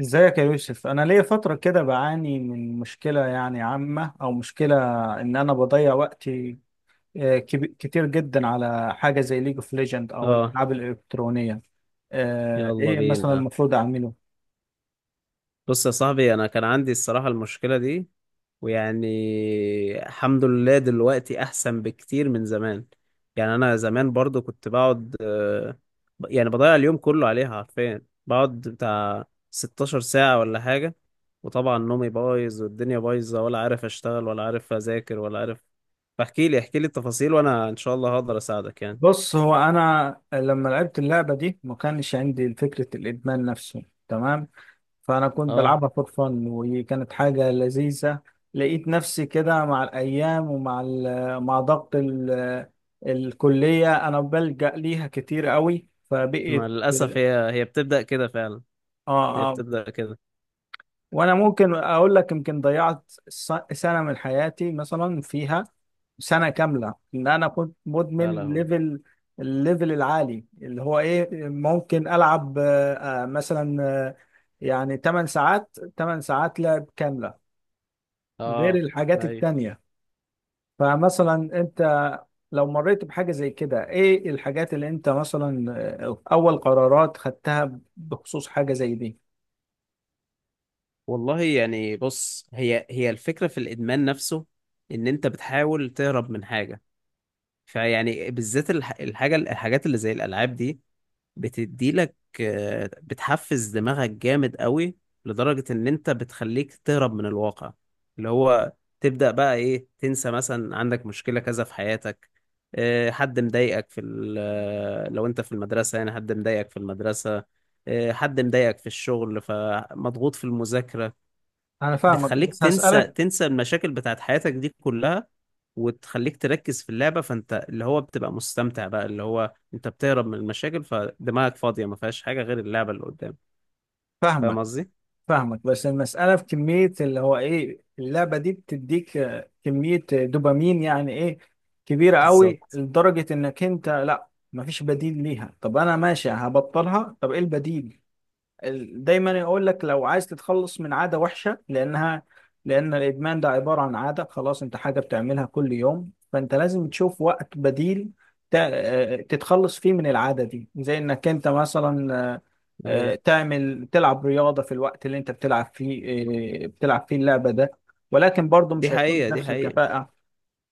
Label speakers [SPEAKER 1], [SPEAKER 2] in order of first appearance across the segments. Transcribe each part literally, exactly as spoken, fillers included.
[SPEAKER 1] ازيك يا يوسف، انا ليا فتره كده بعاني من مشكله، يعني عامه او مشكله ان انا بضيع وقتي. آه، كب- كتير جدا على حاجه زي ليج اوف ليجند او
[SPEAKER 2] اه.
[SPEAKER 1] الالعاب الالكترونيه. آه،
[SPEAKER 2] يلا
[SPEAKER 1] ايه مثلا
[SPEAKER 2] بينا.
[SPEAKER 1] المفروض اعمله؟
[SPEAKER 2] بص يا صاحبي، انا كان عندي الصراحة المشكلة دي. ويعني الحمد لله دلوقتي احسن بكتير من زمان. يعني انا زمان برضو كنت بقعد، آه، ب- يعني بضيع اليوم كله عليها حرفيا، بقعد بتاع 16 ساعة ولا حاجة. وطبعا نومي بايظ والدنيا بايظة، ولا عارف اشتغل ولا عارف اذاكر ولا عارف. فاحكي لي احكي لي التفاصيل، وانا ان شاء الله هقدر اساعدك يعني.
[SPEAKER 1] بص، هو انا لما لعبت اللعبه دي ما كانش عندي فكره الادمان نفسه، تمام. فأنا كنت
[SPEAKER 2] اه.
[SPEAKER 1] بلعبها فور فن وكانت حاجة لذيذة. لقيت نفسي كده مع الأيام، ومع ال- مع ضغط ال- الكلية أنا بلجأ ليها كتير قوي،
[SPEAKER 2] ما
[SPEAKER 1] فبقيت.
[SPEAKER 2] للاسف هي هي بتبدأ كده فعلا. هي
[SPEAKER 1] آه آه.
[SPEAKER 2] بتبدأ كده.
[SPEAKER 1] وأنا ممكن أقول لك يمكن ضيعت س- سنة من حياتي مثلا، فيها سنة كاملة إن أنا كنت
[SPEAKER 2] يا
[SPEAKER 1] مدمن
[SPEAKER 2] لهوي.
[SPEAKER 1] ليفل، الليفل العالي، اللي هو إيه، ممكن ألعب آه، آه، مثلا آه، يعني 8 ساعات، 8 ساعات لعب كاملة غير
[SPEAKER 2] اه.
[SPEAKER 1] الحاجات
[SPEAKER 2] ايوه.
[SPEAKER 1] التانية. فمثلا انت لو مريت بحاجة زي كده، ايه الحاجات اللي انت مثلا آه، اول قرارات خدتها بخصوص حاجة زي دي؟
[SPEAKER 2] والله يعني، بص، هي هي الفكرة في الإدمان نفسه، إن أنت بتحاول تهرب من حاجة. فيعني بالذات الح... الحاجة، الحاجات اللي زي الألعاب دي بتديلك آه، بتحفز دماغك جامد قوي، لدرجة ان انت بتخليك تهرب من الواقع، اللي هو تبدأ بقى ايه، تنسى مثلا عندك مشكلة كذا في حياتك، آه، حد مضايقك في ال- آه، لو انت في المدرسة يعني، حد مضايقك في المدرسة، آه، حد مضايقك في الشغل، فمضغوط في المذاكرة.
[SPEAKER 1] انا فاهمك
[SPEAKER 2] بتخليك
[SPEAKER 1] بس
[SPEAKER 2] تنسى
[SPEAKER 1] هسألك.
[SPEAKER 2] تنسى المشاكل بتاعت حياتك دي كلها، وتخليك تركز في اللعبة. فانت اللي هو بتبقى مستمتع بقى، اللي هو انت بتهرب من المشاكل، فدماغك فاضية ما فيهاش حاجة غير اللعبة اللي قدام. فاهم
[SPEAKER 1] فاهمك.
[SPEAKER 2] قصدي؟
[SPEAKER 1] فاهمك بس المسألة في كمية، اللي هو ايه، اللعبة دي بتديك آه، كمية دوبامين، يعني ايه، كبيرة قوي
[SPEAKER 2] بالظبط.
[SPEAKER 1] لدرجة انك انت لا مفيش بديل ليها. طب انا ماشي هبطلها، طب ايه البديل؟ ال- دايما يقول لك لو عايز تتخلص من عادة وحشة، لأنها، لأن الإدمان ده عبارة عن عادة، خلاص، أنت حاجة بتعملها كل يوم، فأنت لازم تشوف وقت بديل ت- آه، تتخلص فيه من العادة دي، زي إنك أنت مثلا آه، آه،
[SPEAKER 2] ايوه.
[SPEAKER 1] تعمل تلعب رياضة في الوقت اللي أنت بتلعب فيه آه، بتلعب فيه اللعبة ده، ولكن برضه
[SPEAKER 2] دي
[SPEAKER 1] مش هيكون
[SPEAKER 2] حقيقة دي
[SPEAKER 1] بنفس
[SPEAKER 2] حقيقة.
[SPEAKER 1] الكفاءة.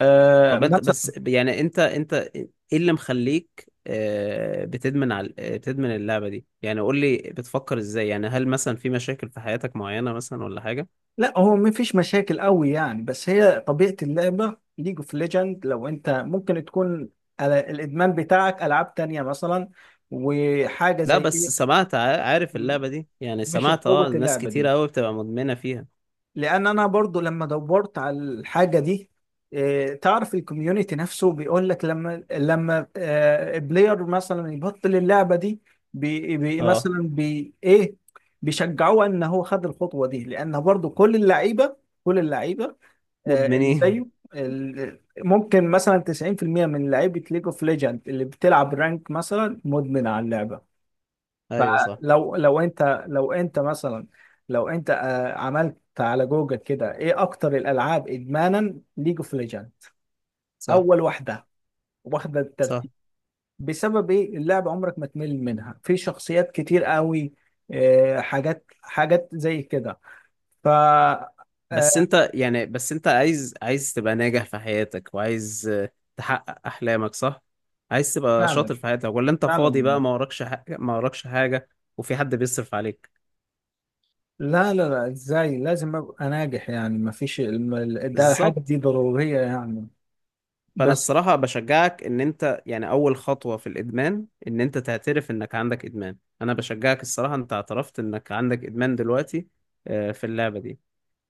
[SPEAKER 1] آه،
[SPEAKER 2] طب انت بس
[SPEAKER 1] مثلا.
[SPEAKER 2] يعني، انت انت ايه اللي مخليك آه، بتدمن على آه، بتدمن اللعبة دي؟ يعني قول لي، بتفكر ازاي يعني؟ هل مثلا في مشاكل في حياتك معينة مثلا ولا حاجة؟
[SPEAKER 1] لا هو مفيش مشاكل قوي يعني، بس هي طبيعة اللعبة ليج اوف ليجند. لو انت ممكن تكون ال- الادمان بتاعك العاب تانية مثلا، وحاجة
[SPEAKER 2] لا،
[SPEAKER 1] زي
[SPEAKER 2] بس
[SPEAKER 1] ايه؟
[SPEAKER 2] سمعت، ع- عارف اللعبة دي؟ يعني
[SPEAKER 1] مش
[SPEAKER 2] سمعت، اه
[SPEAKER 1] بقوة
[SPEAKER 2] ناس
[SPEAKER 1] اللعبة
[SPEAKER 2] كتير
[SPEAKER 1] دي،
[SPEAKER 2] قوي بتبقى مدمنة فيها.
[SPEAKER 1] لان انا برضو لما دورت على الحاجة دي إيه، تعرف الكوميونتي نفسه بيقول لك، لما لما آه، بلاير مثلا يبطل اللعبة دي، بي بي
[SPEAKER 2] اه.
[SPEAKER 1] مثلا بي ايه، بيشجعوه ان هو خد الخطوة دي، لان برضو كل اللعيبة، كل اللعيبة آه، اللي
[SPEAKER 2] مدمنين.
[SPEAKER 1] زيه ال- ممكن مثلا تسعين بالمية من لعيبة ليج اوف ليجند اللي بتلعب رانك مثلا مدمن على اللعبة.
[SPEAKER 2] ايوه صح.
[SPEAKER 1] فلو لو انت لو انت مثلا لو انت آه، عملت على جوجل كده ايه اكتر الالعاب ادمانا؟ ليج اوف ليجند
[SPEAKER 2] صح
[SPEAKER 1] اول واحدة واخدة
[SPEAKER 2] صح.
[SPEAKER 1] الترتيب. بسبب ايه؟ اللعبة عمرك ما تمل منها، في شخصيات كتير قوي آه، حاجات، حاجات زي كده. ف. آه،
[SPEAKER 2] بس انت يعني، بس انت عايز عايز تبقى ناجح في حياتك، وعايز آه، تحقق احلامك، صح؟ عايز تبقى
[SPEAKER 1] فعلا،
[SPEAKER 2] شاطر في حياتك، ولا انت فاضي
[SPEAKER 1] فعلا.
[SPEAKER 2] بقى، ما وراكش حاجة، ما وراكش حاجة؟ وفي حد بيصرف عليك.
[SPEAKER 1] لا لا لا، ازاي لازم ابقى ناجح يعني، ما فيش الم- ده، الحاجه
[SPEAKER 2] بالظبط.
[SPEAKER 1] دي ضروريه يعني،
[SPEAKER 2] فانا
[SPEAKER 1] بس.
[SPEAKER 2] الصراحه بشجعك ان انت يعني، اول خطوه في الادمان ان انت تعترف انك عندك ادمان. انا بشجعك الصراحه، انت اعترفت انك عندك ادمان دلوقتي، آه، في اللعبه دي.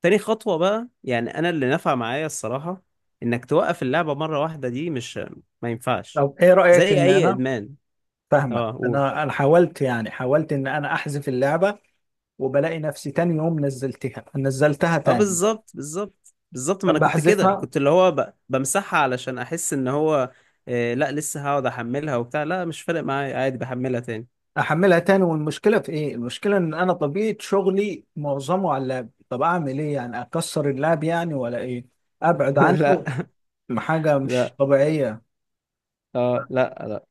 [SPEAKER 2] تاني خطوه بقى، يعني انا اللي نفع معايا الصراحه، انك توقف اللعبه مره واحده، دي مش، ما ينفعش،
[SPEAKER 1] طب ايه رايك
[SPEAKER 2] زي
[SPEAKER 1] ان
[SPEAKER 2] اي
[SPEAKER 1] انا.
[SPEAKER 2] ادمان.
[SPEAKER 1] فاهمك،
[SPEAKER 2] اه، قول.
[SPEAKER 1] انا انا حاولت، يعني حاولت ان انا احذف اللعبه، وبلاقي نفسي تاني يوم نزلتها، نزلتها
[SPEAKER 2] اه
[SPEAKER 1] تاني.
[SPEAKER 2] بالظبط بالظبط بالظبط. ما انا كنت كده،
[SPEAKER 1] بحذفها.
[SPEAKER 2] كنت اللي هو ب... بمسحها علشان احس ان هو، آه، لا، لسه هقعد احملها وبتاع، لا مش فارق معايا عادي، بحملها تاني.
[SPEAKER 1] احملها تاني، والمشكله في ايه، المشكله ان انا طبيعه شغلي معظمه على اللاب. طب اعمل ايه يعني، اكسر اللاب يعني ولا ايه، ابعد
[SPEAKER 2] لا.
[SPEAKER 1] عنه؟ حاجه مش
[SPEAKER 2] لا.
[SPEAKER 1] طبيعيه.
[SPEAKER 2] اه لا لا.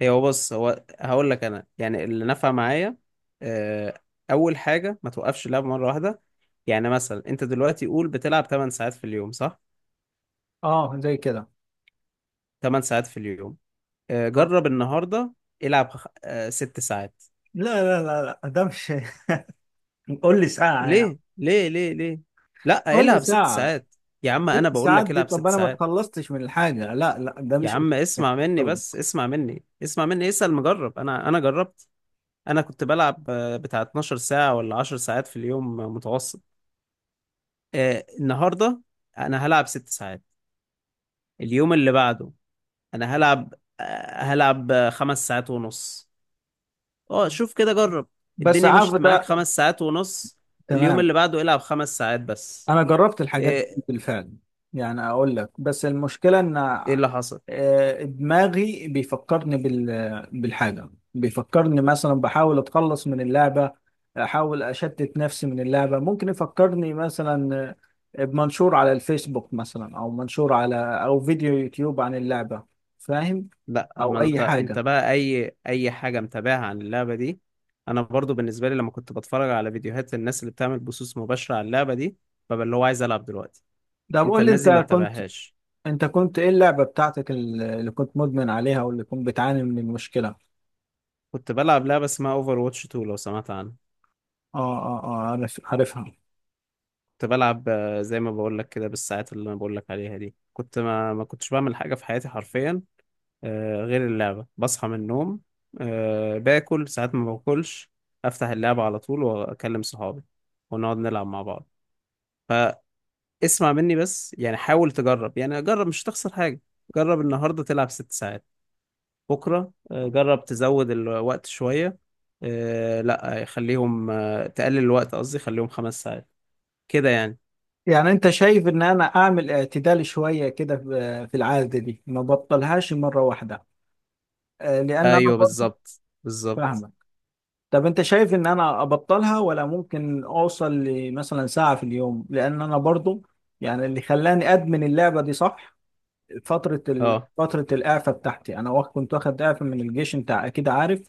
[SPEAKER 2] هي هو بص، هو هقول لك انا، يعني اللي نفع معايا آه، اول حاجه، ما توقفش اللعب مره واحده. يعني مثلا انت دلوقتي قول بتلعب 8 ساعات في اليوم، صح؟
[SPEAKER 1] اه زي كده.
[SPEAKER 2] 8 ساعات في اليوم. آه،
[SPEAKER 1] آه.
[SPEAKER 2] جرب النهارده، العب خ- آه، 6 ساعات.
[SPEAKER 1] لا لا لا لا ده مش قول لي ساعة يعني.
[SPEAKER 2] ليه ليه ليه ليه؟ لا،
[SPEAKER 1] قول لي
[SPEAKER 2] العب 6
[SPEAKER 1] ساعة.
[SPEAKER 2] ساعات. يا عم انا
[SPEAKER 1] ست
[SPEAKER 2] بقول
[SPEAKER 1] ساعات
[SPEAKER 2] لك
[SPEAKER 1] دي؟
[SPEAKER 2] العب
[SPEAKER 1] طب
[SPEAKER 2] 6
[SPEAKER 1] انا ما
[SPEAKER 2] ساعات.
[SPEAKER 1] اتخلصتش من الحاجة. لا لا ده
[SPEAKER 2] يا
[SPEAKER 1] مش.
[SPEAKER 2] عم اسمع مني
[SPEAKER 1] خلص.
[SPEAKER 2] بس، اسمع مني اسمع مني، اسأل مجرب، انا انا جربت. انا كنت بلعب آه، بتاع 12 ساعه ولا 10 ساعات في اليوم متوسط. آه، النهارده انا هلعب ست ساعات. اليوم اللي بعده انا هلعب، آه، هلعب آه، خمس ساعات ونص. اه شوف كده جرب.
[SPEAKER 1] بس
[SPEAKER 2] الدنيا
[SPEAKER 1] عارف
[SPEAKER 2] مشيت معاك
[SPEAKER 1] ده،
[SPEAKER 2] خمس ساعات ونص؟ اليوم
[SPEAKER 1] تمام.
[SPEAKER 2] اللي بعده العب خمس ساعات بس.
[SPEAKER 1] انا جربت الحاجات دي
[SPEAKER 2] ايه؟
[SPEAKER 1] بالفعل، يعني اقول لك بس المشكلة ان
[SPEAKER 2] ايه اللي حصل؟
[SPEAKER 1] آه، دماغي بيفكرني بال... بالحاجة، بيفكرني مثلا بحاول اتخلص من اللعبة، احاول اشتت نفسي من اللعبة، ممكن يفكرني مثلا آه، بمنشور على الفيسبوك مثلا، او منشور على، او فيديو يوتيوب عن اللعبة. فاهم؟
[SPEAKER 2] لا، ما
[SPEAKER 1] او
[SPEAKER 2] انت
[SPEAKER 1] اي
[SPEAKER 2] انت
[SPEAKER 1] حاجه.
[SPEAKER 2] بقى اي اي حاجه متابعها عن اللعبه دي. انا برضو بالنسبه لي، لما كنت بتفرج على فيديوهات الناس اللي بتعمل بثوث مباشره على اللعبه دي، ببقى اللي هو عايز العب دلوقتي.
[SPEAKER 1] ده
[SPEAKER 2] انت
[SPEAKER 1] بقول لي
[SPEAKER 2] الناس
[SPEAKER 1] انت
[SPEAKER 2] دي ما
[SPEAKER 1] كنت،
[SPEAKER 2] تتابعهاش.
[SPEAKER 1] انت كنت ايه اللعبه بتاعتك اللي كنت مدمن عليها، واللي كنت بتعاني من المشكله؟ اه.
[SPEAKER 2] كنت بلعب لعبه اسمها اوفر واتش تو، لو سمعت عنها.
[SPEAKER 1] اه اه، عارف، عارفها.
[SPEAKER 2] كنت بلعب آه، زي ما بقول لك كده، بالساعات اللي انا بقول لك عليها دي، كنت ما ما كنتش بعمل حاجه في حياتي حرفيا، آه، غير اللعبه. بصحى من النوم، آه، باكل ساعات ما باكلش، افتح اللعبه على طول، واكلم صحابي ونقعد نلعب مع بعض. اسمع مني بس يعني، حاول تجرب يعني، جرب مش هتخسر حاجه. جرب النهارده تلعب ست ساعات، بكره آه، جرب تزود الوقت شويه، آه، لا، خليهم، آه، تقلل الوقت قصدي، خليهم خمس ساعات كده يعني.
[SPEAKER 1] يعني انت شايف ان انا اعمل اعتدال شويه كده في في العاده دي، ما بطلهاش مره واحده؟ آه، لان انا
[SPEAKER 2] ايوه
[SPEAKER 1] برضه،
[SPEAKER 2] بالظبط بالظبط.
[SPEAKER 1] فاهمك. طب انت شايف ان انا ابطلها، ولا ممكن اوصل لمثلا ساعه في اليوم؟ لان انا برضه يعني اللي خلاني ادمن اللعبه دي، صح، فترة ال...
[SPEAKER 2] اه
[SPEAKER 1] فترة الإعفاء بتاعتي أنا، واخ- كنت واخد إعفاء من الجيش، أنت أكيد عارف.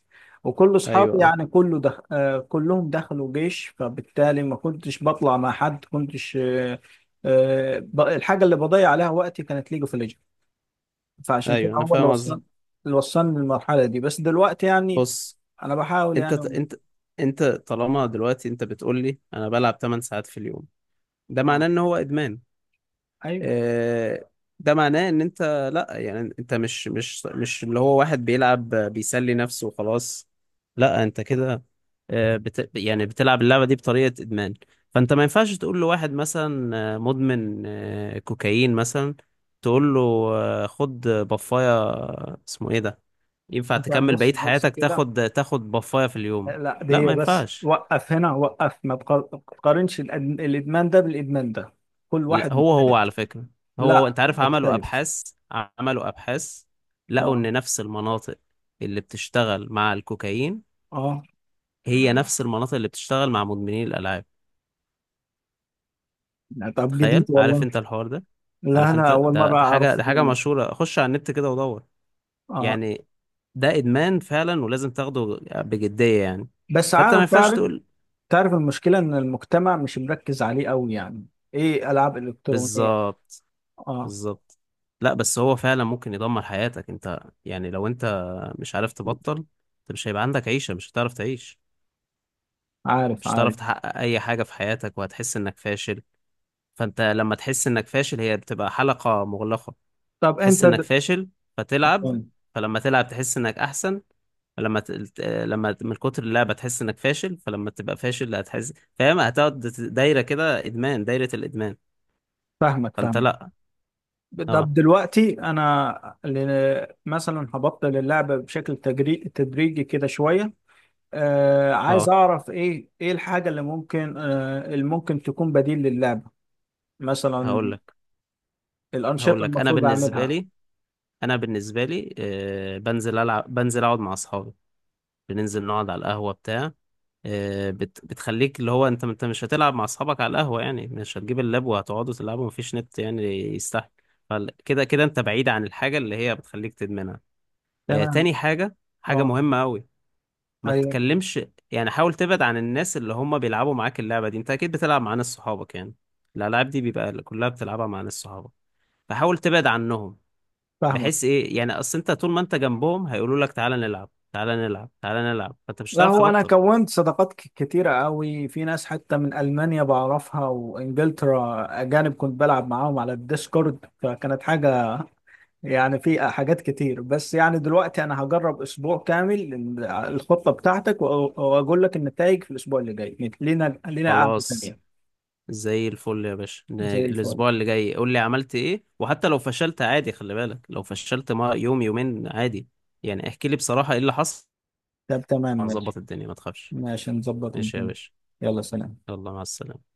[SPEAKER 1] وكل
[SPEAKER 2] ايوه.
[SPEAKER 1] أصحابي،
[SPEAKER 2] اه
[SPEAKER 1] يعني كله دخ... آه، كلهم دخلوا جيش، فبالتالي ما كنتش بطلع مع حد، كنتش آه، آه، ب- الحاجة اللي بضيع عليها وقتي كانت ليج اوف ليجند، فعشان كده
[SPEAKER 2] ايوه، انا
[SPEAKER 1] هو اللي
[SPEAKER 2] فاهم قصدك.
[SPEAKER 1] وصلني، اللي وصلني للمرحلة دي. بس دلوقتي يعني،
[SPEAKER 2] بص،
[SPEAKER 1] أنا بحاول
[SPEAKER 2] انت
[SPEAKER 1] يعني.
[SPEAKER 2] انت انت طالما دلوقتي انت بتقول لي انا بلعب 8 ساعات في اليوم، ده معناه
[SPEAKER 1] آه.
[SPEAKER 2] ان هو ادمان.
[SPEAKER 1] أيوه.
[SPEAKER 2] آه، ده معناه ان انت، لا يعني انت مش مش مش اللي هو واحد بيلعب بيسلي نفسه وخلاص. لا انت كده آه، بت يعني بتلعب اللعبة دي بطريقة ادمان. فانت ما ينفعش تقول لواحد مثلا آه، مدمن آه، كوكايين مثلا، تقول له آه، خد بفاية، آه، اسمه ايه ده، ينفع
[SPEAKER 1] أنت
[SPEAKER 2] تكمل بقية
[SPEAKER 1] بص بص
[SPEAKER 2] حياتك
[SPEAKER 1] كده،
[SPEAKER 2] تاخد تاخد بفاية في اليوم؟
[SPEAKER 1] لا،
[SPEAKER 2] لا، ما
[SPEAKER 1] دي بس،
[SPEAKER 2] ينفعش.
[SPEAKER 1] وقف هنا، وقف ما تقار- ما تقارنش الأد- الإدمان ده بالإدمان ده، كل
[SPEAKER 2] لا،
[SPEAKER 1] واحد
[SPEAKER 2] هو هو
[SPEAKER 1] مختلف.
[SPEAKER 2] على فكرة، هو هو
[SPEAKER 1] لا
[SPEAKER 2] انت عارف، عملوا
[SPEAKER 1] مختلف.
[SPEAKER 2] ابحاث، عملوا ابحاث، لقوا
[SPEAKER 1] اه.
[SPEAKER 2] ان نفس المناطق اللي بتشتغل مع الكوكايين
[SPEAKER 1] اه.
[SPEAKER 2] هي نفس المناطق اللي بتشتغل مع مدمنين الالعاب.
[SPEAKER 1] لا، طب
[SPEAKER 2] تخيل.
[SPEAKER 1] جديد
[SPEAKER 2] عارف
[SPEAKER 1] والله.
[SPEAKER 2] انت الحوار ده؟
[SPEAKER 1] لا
[SPEAKER 2] عارف انت،
[SPEAKER 1] انا اول
[SPEAKER 2] ده
[SPEAKER 1] مره
[SPEAKER 2] ده حاجة
[SPEAKER 1] اعرف
[SPEAKER 2] ده حاجة
[SPEAKER 1] منه.
[SPEAKER 2] مشهورة. خش على النت كده ودور
[SPEAKER 1] اه.
[SPEAKER 2] يعني. ده ادمان فعلا، ولازم تاخده بجدية يعني.
[SPEAKER 1] بس
[SPEAKER 2] فانت ما
[SPEAKER 1] عارف،
[SPEAKER 2] ينفعش
[SPEAKER 1] تعرف،
[SPEAKER 2] تقول.
[SPEAKER 1] تعرف المشكله ان المجتمع مش مركز عليه قوي يعني، ايه، العاب الكترونيه.
[SPEAKER 2] بالظبط
[SPEAKER 1] اه.
[SPEAKER 2] بالظبط. لا بس هو فعلا ممكن يدمر حياتك انت. يعني لو انت مش عارف تبطل، انت مش هيبقى عندك عيشة، مش هتعرف تعيش،
[SPEAKER 1] عارف،
[SPEAKER 2] مش
[SPEAKER 1] عارف.
[SPEAKER 2] هتعرف تحقق اي حاجة في حياتك، وهتحس انك فاشل. فانت لما تحس انك فاشل، هي بتبقى حلقة مغلقة.
[SPEAKER 1] طب انت
[SPEAKER 2] تحس
[SPEAKER 1] د...
[SPEAKER 2] انك فاشل فتلعب، فلما تلعب تحس انك احسن، فلما ت... ت- لما ت- من كتر اللعبة تحس انك فاشل، فلما تبقى فاشل، لا هتحس فاهم، هتقعد ت- دايرة كده ادمان، دايرة الادمان.
[SPEAKER 1] فاهمك،
[SPEAKER 2] فانت
[SPEAKER 1] فاهمك.
[SPEAKER 2] لا. اه.
[SPEAKER 1] طب دلوقتي انا ل... مثلا هبطل اللعبه بشكل تجري... تدريجي كده شويه. آه، عايز
[SPEAKER 2] اه.
[SPEAKER 1] اعرف ايه ايه الحاجه اللي ممكن، آه اللي ممكن تكون بديل للعبه مثلا؟
[SPEAKER 2] هقول لك.
[SPEAKER 1] الأنشطة
[SPEAKER 2] هقول لك انا
[SPEAKER 1] المفروض
[SPEAKER 2] بالنسبة
[SPEAKER 1] أعملها.
[SPEAKER 2] لي، انا بالنسبه لي آه، بنزل العب بنزل اقعد مع اصحابي، بننزل نقعد على القهوه بتاع، آه، بت... بتخليك اللي هو انت انت مش هتلعب مع اصحابك على القهوه يعني، مش هتجيب اللاب وهتقعدوا تلعبوا، مفيش نت يعني، يستحمل. فكده كده انت بعيد عن الحاجه اللي هي بتخليك تدمنها. آه،
[SPEAKER 1] تمام.
[SPEAKER 2] تاني حاجه، حاجه
[SPEAKER 1] أه.
[SPEAKER 2] مهمه قوي، ما
[SPEAKER 1] أيوه.
[SPEAKER 2] تتكلمش. يعني حاول تبعد عن الناس اللي هم بيلعبوا معاك اللعبه دي. انت اكيد بتلعب مع ناس صحابك يعني، الالعاب دي بيبقى كلها بتلعبها مع ناس صحابك. فحاول تبعد عنهم،
[SPEAKER 1] فاهمك.
[SPEAKER 2] بحيث ايه يعني، اصل انت طول ما انت جنبهم هيقولوا لك تعالى نلعب تعالى نلعب تعالى نلعب، فانت مش
[SPEAKER 1] لا، آه،
[SPEAKER 2] هتعرف
[SPEAKER 1] هو أنا
[SPEAKER 2] تبطل.
[SPEAKER 1] كونت صداقات ك- كتيرة قوي في ناس، حتى من ألمانيا بعرفها وإنجلترا، أجانب، كنت بلعب معاهم على الديسكورد، فكانت حاجة، يعني في حاجات كتير. بس يعني دلوقتي أنا هجرب أسبوع كامل ال- الخطة بتاعتك وأ- وأقول لك النتائج في الأسبوع اللي جاي. لينا لينا قعدة
[SPEAKER 2] خلاص.
[SPEAKER 1] تانية.
[SPEAKER 2] زي الفل يا باشا، ن-
[SPEAKER 1] زي الفل.
[SPEAKER 2] الاسبوع اللي جاي قول لي عملت ايه، وحتى لو فشلت عادي، خلي بالك لو فشلت ما يوم يومين عادي يعني. احكي لي بصراحة ايه اللي حصل.
[SPEAKER 1] طب تمام، ماشي.
[SPEAKER 2] هنظبط الدنيا ما تخافش.
[SPEAKER 1] ماشي نظبط
[SPEAKER 2] ماشي يا
[SPEAKER 1] الدنيا.
[SPEAKER 2] باشا.
[SPEAKER 1] يلا سلام.
[SPEAKER 2] يلا مع السلامة.